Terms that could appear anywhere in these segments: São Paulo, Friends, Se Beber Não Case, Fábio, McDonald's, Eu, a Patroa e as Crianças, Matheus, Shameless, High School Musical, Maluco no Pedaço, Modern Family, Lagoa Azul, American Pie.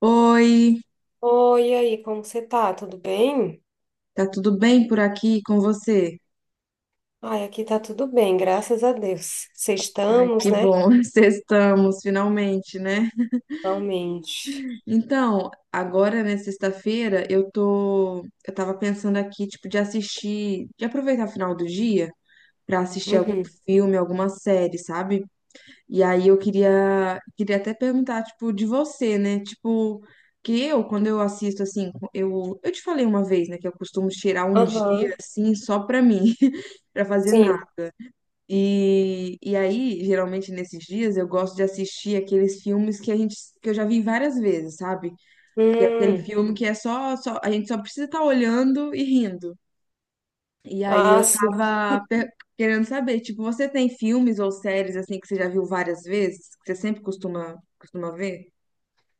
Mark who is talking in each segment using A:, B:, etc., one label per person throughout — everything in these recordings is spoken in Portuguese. A: Oi,
B: Oi, e aí, como você tá? Tudo bem?
A: tá tudo bem por aqui com você?
B: Ai, aqui tá tudo bem, graças a Deus. Vocês estamos
A: Que
B: né?
A: bom, estamos finalmente, né?
B: Realmente.
A: Então, agora, né, sexta-feira, eu tava pensando aqui, tipo, de aproveitar o final do dia pra assistir algum
B: Uhum.
A: filme, alguma série, sabe? E aí eu queria, queria até perguntar, tipo, de você, né? Tipo, quando eu assisto, assim, eu te falei uma vez, né, que eu costumo tirar um
B: Aham,
A: dia, assim, só pra mim, pra fazer nada.
B: sim.
A: E aí, geralmente nesses dias, eu gosto de assistir aqueles filmes que eu já vi várias vezes, sabe? Que é aquele
B: Hum.
A: filme que é só a gente só precisa estar olhando e rindo. E aí
B: Ah,
A: eu
B: sim.
A: tava querendo saber, tipo, você tem filmes ou séries assim que você já viu várias vezes, que você sempre costuma ver?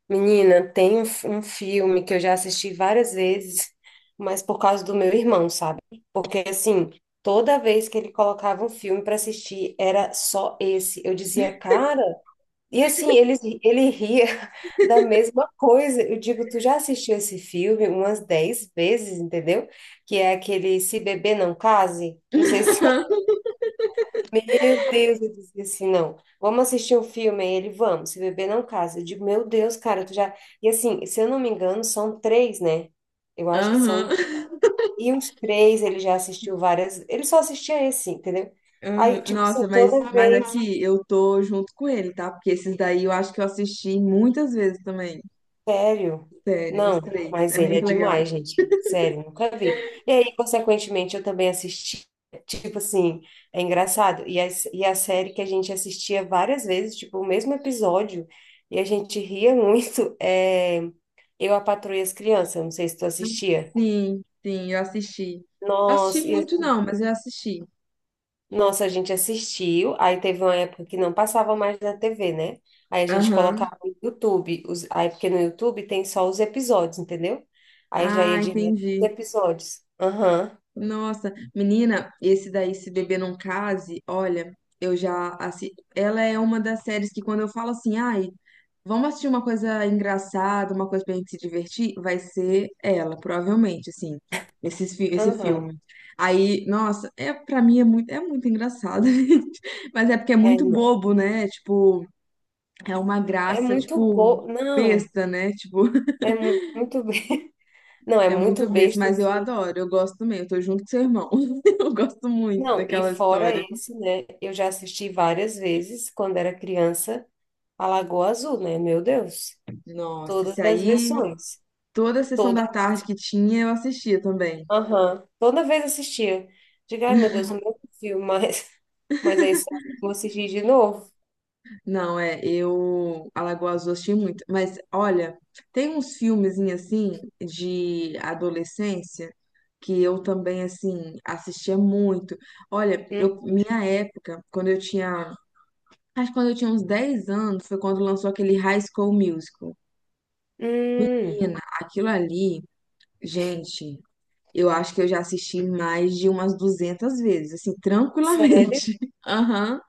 B: Menina, tem um filme que eu já assisti várias vezes, mas por causa do meu irmão, sabe? Porque, assim, toda vez que ele colocava um filme para assistir, era só esse. Eu dizia, cara. E assim, ele ria da mesma coisa. Eu digo, tu já assistiu esse filme umas 10 vezes, entendeu? Que é aquele Se Beber Não Case. Não sei se, meu Deus, eu disse assim, não. Vamos assistir um filme. Aí ele, vamos, Se Beber Não Case. Eu digo, meu Deus, cara, tu já. E assim, se eu não me engano, são três, né? Eu acho que
A: Aham.
B: são. E os três ele já assistiu várias. Ele só assistia esse, entendeu? Aí,
A: Aham.
B: tipo assim,
A: Nossa, mas,
B: toda
A: mas
B: vez.
A: aqui eu tô junto com ele, tá? Porque esses daí eu acho que eu assisti muitas vezes também.
B: Sério?
A: Sério, os
B: Não,
A: três.
B: mas
A: É
B: ele é
A: muito legal.
B: demais, gente. Sério, nunca vi. E aí, consequentemente, eu também assisti. Tipo assim, é engraçado. E a série que a gente assistia várias vezes, tipo, o mesmo episódio, e a gente ria muito, é Eu, a Patroa e as Crianças. Não sei se tu assistia.
A: Sim, sim, eu assisti. Assisti
B: Nossa, e
A: muito não, mas eu assisti.
B: Nossa, a gente assistiu, aí teve uma época que não passava mais na TV, né? Aí a gente
A: Aham.
B: colocava no YouTube, os- aí porque no YouTube tem só os episódios, entendeu? Aí já ia
A: Ah,
B: direto
A: entendi.
B: os episódios. Aham,
A: Nossa, menina, esse daí, Se Beber Não Case, olha, eu já assisti. Ela é uma das séries que quando eu falo assim, ai, vamos assistir uma coisa engraçada, uma coisa pra gente se divertir? Vai ser ela, provavelmente, assim, esse
B: aham.
A: filme. Aí, nossa, é, pra mim é muito engraçado, gente. Mas é porque é
B: É,
A: muito
B: não.
A: bobo, né? Tipo, é uma
B: É
A: graça,
B: muito
A: tipo,
B: bom, não,
A: besta, né? Tipo,
B: é muito, não, é
A: é
B: muito
A: muito besta,
B: besta,
A: mas eu
B: assim.
A: adoro, eu gosto também, eu tô junto com seu irmão. Eu gosto muito
B: Não, e
A: daquela
B: fora
A: história.
B: esse, né? Eu já assisti várias vezes, quando era criança, a Lagoa Azul, né? Meu Deus,
A: Nossa, esse
B: todas as
A: aí,
B: versões.
A: toda a sessão da tarde que tinha, eu assistia também.
B: Aham. Toda vez assistia. Digo, ai meu Deus, não filme, mas, mas é isso. Vou assistir de novo.
A: Não, é, eu Alagoas Azul eu assisti muito, mas olha, tem uns filmezinhos assim de adolescência que eu também assim assistia muito. Olha,
B: Hum,
A: eu minha época, acho que quando eu tinha uns 10 anos, foi quando lançou aquele High School Musical.
B: Hum.
A: Menina, aquilo ali, gente, eu acho que eu já assisti mais de umas 200 vezes, assim,
B: Sério?
A: tranquilamente. Aham.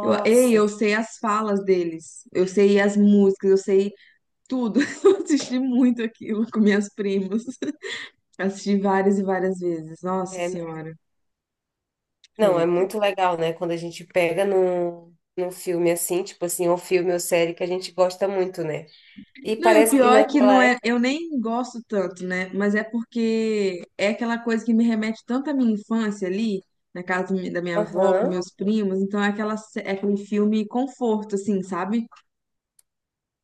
A: Eu, ei, eu sei as falas deles, eu sei as músicas, eu sei tudo. Eu assisti muito aquilo com minhas primas. Assisti várias e várias vezes. Nossa
B: é, não.
A: Senhora.
B: Não,
A: É.
B: é muito legal, né? Quando a gente pega num filme assim, tipo assim, um filme ou série que a gente gosta muito, né? E
A: Não, e o
B: parece que e
A: pior é que
B: naquela
A: não é,
B: época.
A: eu nem gosto tanto, né? Mas é porque é aquela coisa que me remete tanto à minha infância ali, na casa da minha avó, com
B: Aham.
A: meus primos. Então é, é aquele filme conforto, assim, sabe?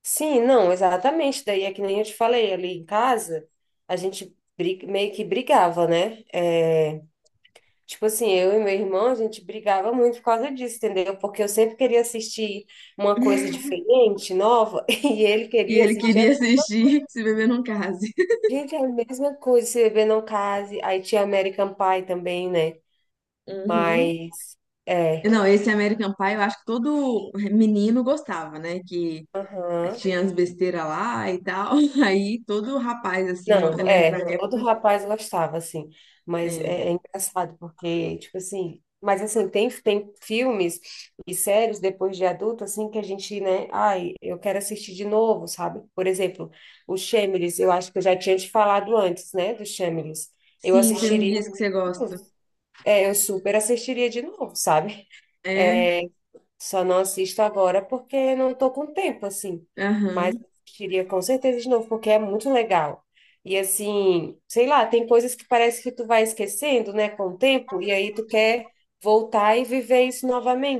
B: Sim, não, exatamente. Daí é que nem eu te falei, ali em casa, a gente meio que brigava, né? É, tipo assim, eu e meu irmão, a gente brigava muito por causa disso, entendeu? Porque eu sempre queria assistir uma coisa diferente, nova, e ele
A: E
B: queria
A: ele
B: assistir.
A: queria assistir Se Beber Não Case.
B: Gente, é a mesma coisa, Se Beber Não Case. Aí tinha American Pie também, né?
A: Uhum.
B: Mas, é.
A: Não, esse American Pie, eu acho que todo menino gostava, né? Que
B: Aham.
A: tinha as besteiras lá e tal. Aí todo rapaz, assim, ó,
B: Não,
A: eu lembro da
B: é, todo
A: época.
B: rapaz gostava, assim, mas
A: É,
B: é, é engraçado porque, tipo assim, mas assim, tem filmes e séries depois de adulto, assim, que a gente, né, ai, eu quero assistir de novo, sabe? Por exemplo, o Shameless, eu acho que eu já tinha te falado antes, né, do Shameless. Eu
A: sim, você me
B: assistiria,
A: disse que você gosta.
B: é, eu super assistiria de novo, sabe?
A: É,
B: É, só não assisto agora porque não estou com tempo, assim. Mas
A: aham,
B: assistiria com certeza de novo, porque é muito legal. E assim, sei lá, tem coisas que parece que tu vai esquecendo, né, com o tempo, e aí tu quer voltar e viver isso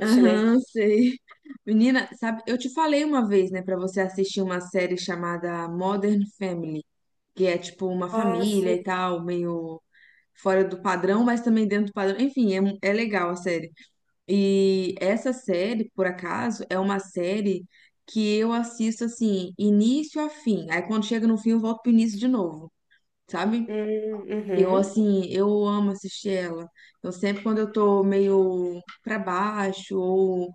A: aham,
B: né?
A: sei. Menina, sabe, eu te falei uma vez, né, pra você assistir uma série chamada Modern Family, que é tipo uma
B: Ah,
A: família e
B: sim.
A: tal, meio fora do padrão, mas também dentro do padrão. Enfim, é, é legal a série. E essa série, por acaso, é uma série que eu assisto assim, início a fim. Aí quando chega no fim, eu volto pro início de novo, sabe? Eu
B: Uhum,
A: assim, eu amo assistir ela. Eu sempre quando eu tô meio pra baixo ou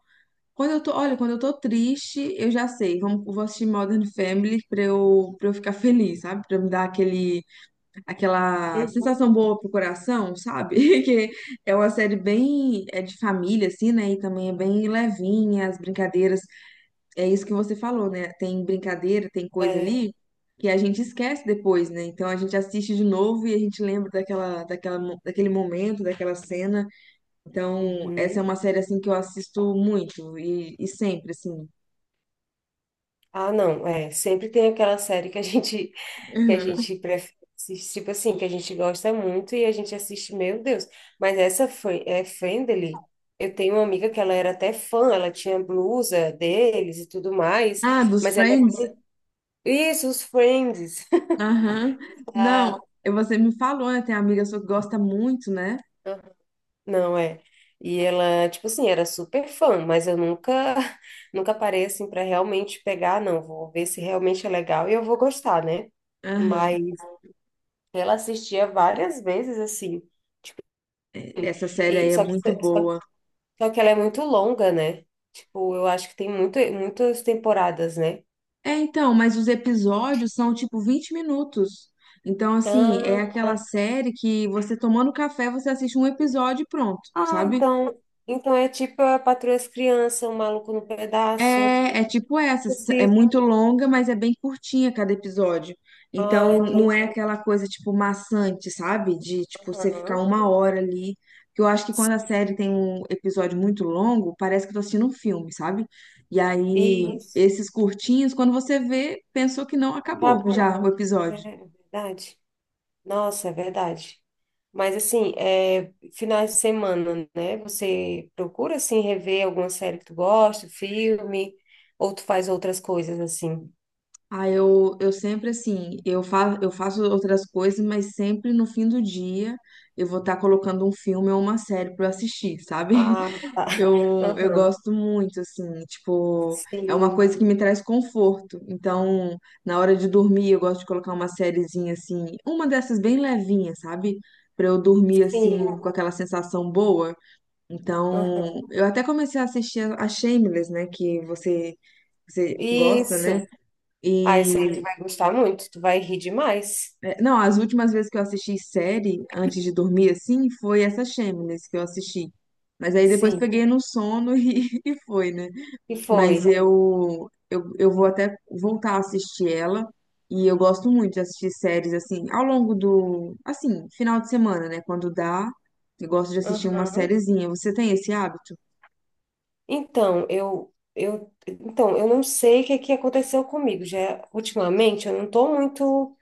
A: quando eu tô, olha, quando eu tô triste, eu já sei, vou assistir Modern Family pra eu ficar feliz, sabe? Pra me dar aquele aquela
B: uhum,
A: sensação boa pro coração, sabe? Que é uma série bem é de família assim, né? E também é bem levinha as brincadeiras. É isso que você falou, né? Tem brincadeira, tem coisa
B: é,
A: ali que a gente esquece depois, né? Então a gente assiste de novo e a gente lembra daquela, daquele momento, daquela cena. Então, essa é
B: uhum.
A: uma série assim que eu assisto muito e sempre assim.
B: Ah, não, é, sempre tem aquela série que a gente que a
A: Uhum.
B: gente prefere, assistir, tipo assim, que a gente gosta muito e a gente assiste, meu Deus. Mas essa foi é Friendly. Eu tenho uma amiga que ela era até fã, ela tinha blusa deles e tudo mais,
A: Ah, dos
B: mas ela
A: Friends?
B: isso, os Friends.
A: Aham. Não,
B: Ah,
A: você me falou, né? Tem amiga sua que gosta muito, né?
B: não é. E ela, tipo assim, era super fã, mas eu nunca nunca parei assim para realmente pegar, não, vou ver se realmente é legal e eu vou gostar, né?
A: Aham.
B: Ela assistia várias vezes, assim.
A: Essa série aí
B: E,
A: é
B: só que,
A: muito
B: só,
A: boa.
B: só que ela é muito longa, né? Tipo, eu acho que tem muito, muitas temporadas, né?
A: É, então, mas os episódios são tipo 20 minutos. Então, assim,
B: Ah,
A: é aquela série que você tomando café, você assiste um episódio e pronto,
B: ah,
A: sabe?
B: então. Então é tipo a Patroa e as Crianças, o Maluco no Pedaço.
A: É tipo essa, é
B: Esse-
A: muito longa, mas é bem curtinha cada episódio.
B: Ah,
A: Então
B: tem.
A: não é aquela coisa tipo maçante, sabe? De tipo você ficar
B: Aham.
A: uma hora ali. Que eu acho que quando a série tem um episódio muito longo, parece que eu tô assistindo um filme, sabe? E aí
B: Isso.
A: esses curtinhos, quando você vê, pensou que não acabou
B: Acabou.
A: já o
B: É é
A: episódio.
B: verdade. Nossa, é verdade. Mas assim, é, finais de semana, né? Você procura assim rever alguma série que tu gosta, filme, ou tu faz outras coisas assim?
A: Ah, eu sempre assim, eu faço outras coisas, mas sempre no fim do dia eu vou estar colocando um filme ou uma série para assistir, sabe?
B: Ah, tá.
A: Eu
B: Aham.
A: gosto muito, assim, tipo, é uma
B: Sim,
A: coisa que me traz conforto. Então, na hora de dormir, eu gosto de colocar uma sériezinha, assim, uma dessas bem levinha, sabe? Pra eu dormir, assim,
B: sim.
A: com aquela sensação boa.
B: Aham.
A: Então, eu até comecei a assistir a Shameless, né? Que você gosta,
B: Isso.
A: né?
B: Ah, esse aí tu
A: E,
B: vai gostar muito, tu vai rir demais.
A: é, não, as últimas vezes que eu assisti série antes de dormir, assim, foi essa Shameless que eu assisti. Mas aí depois
B: Sim.
A: peguei no sono e foi, né?
B: E foi.
A: Mas eu vou até voltar a assistir ela. E eu gosto muito de assistir séries assim, ao longo do, assim, final de semana, né? Quando dá, eu gosto de assistir uma
B: Aham.
A: sériezinha. Você tem esse hábito?
B: Então, eu então, eu não sei o que que aconteceu comigo. Já ultimamente eu não tô muito.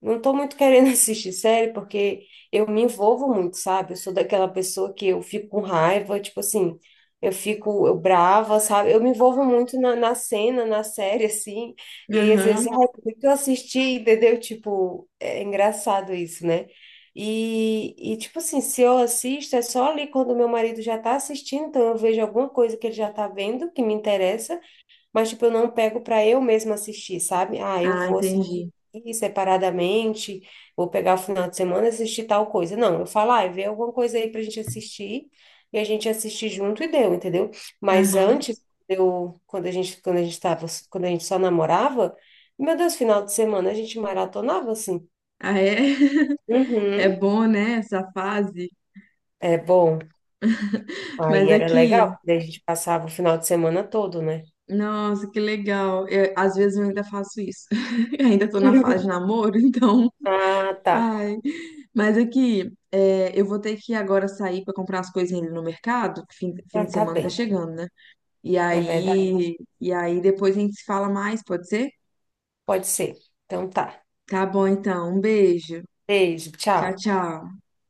B: Não tô muito querendo assistir série porque eu me envolvo muito, sabe? Eu sou daquela pessoa que eu fico com raiva, tipo assim, eu fico eu brava, sabe? Eu me envolvo muito na cena, na série, assim. E aí, às
A: Aham.
B: vezes, ai, por que que eu assisti, entendeu? Tipo, é engraçado isso, né? E tipo assim, se eu assisto, é só ali quando meu marido já tá assistindo, então eu vejo alguma coisa que ele já tá vendo que me interessa. Mas, tipo, eu não pego para eu mesma assistir, sabe? Ah, eu
A: Ah,
B: vou assistir
A: entendi.
B: separadamente, vou pegar o final de semana e assistir tal coisa. Não, eu falo, ah, vê alguma coisa aí pra gente assistir, e a gente assiste junto e deu, entendeu? Mas
A: Aham.
B: antes, eu, quando a gente tava, quando a gente só namorava, meu Deus, final de semana a gente maratonava assim.
A: Ah, é? É
B: Uhum.
A: bom, né, essa fase?
B: É bom. Aí
A: Mas
B: era
A: aqui,
B: legal, porque daí a gente passava o final de semana todo, né?
A: nossa, que legal. Às vezes eu ainda faço isso. Ainda tô na fase de namoro, então.
B: Ah, tá.
A: Ai, mas aqui, é, eu vou ter que agora sair para comprar as coisas ali no mercado, que fim
B: Ah,
A: de
B: tá
A: semana tá
B: bem.
A: chegando, né? E
B: É verdade.
A: aí, e aí depois a gente se fala mais, pode ser?
B: Pode ser. Então tá.
A: Tá bom, então. Um beijo.
B: Beijo,
A: Tchau,
B: tchau.
A: tchau.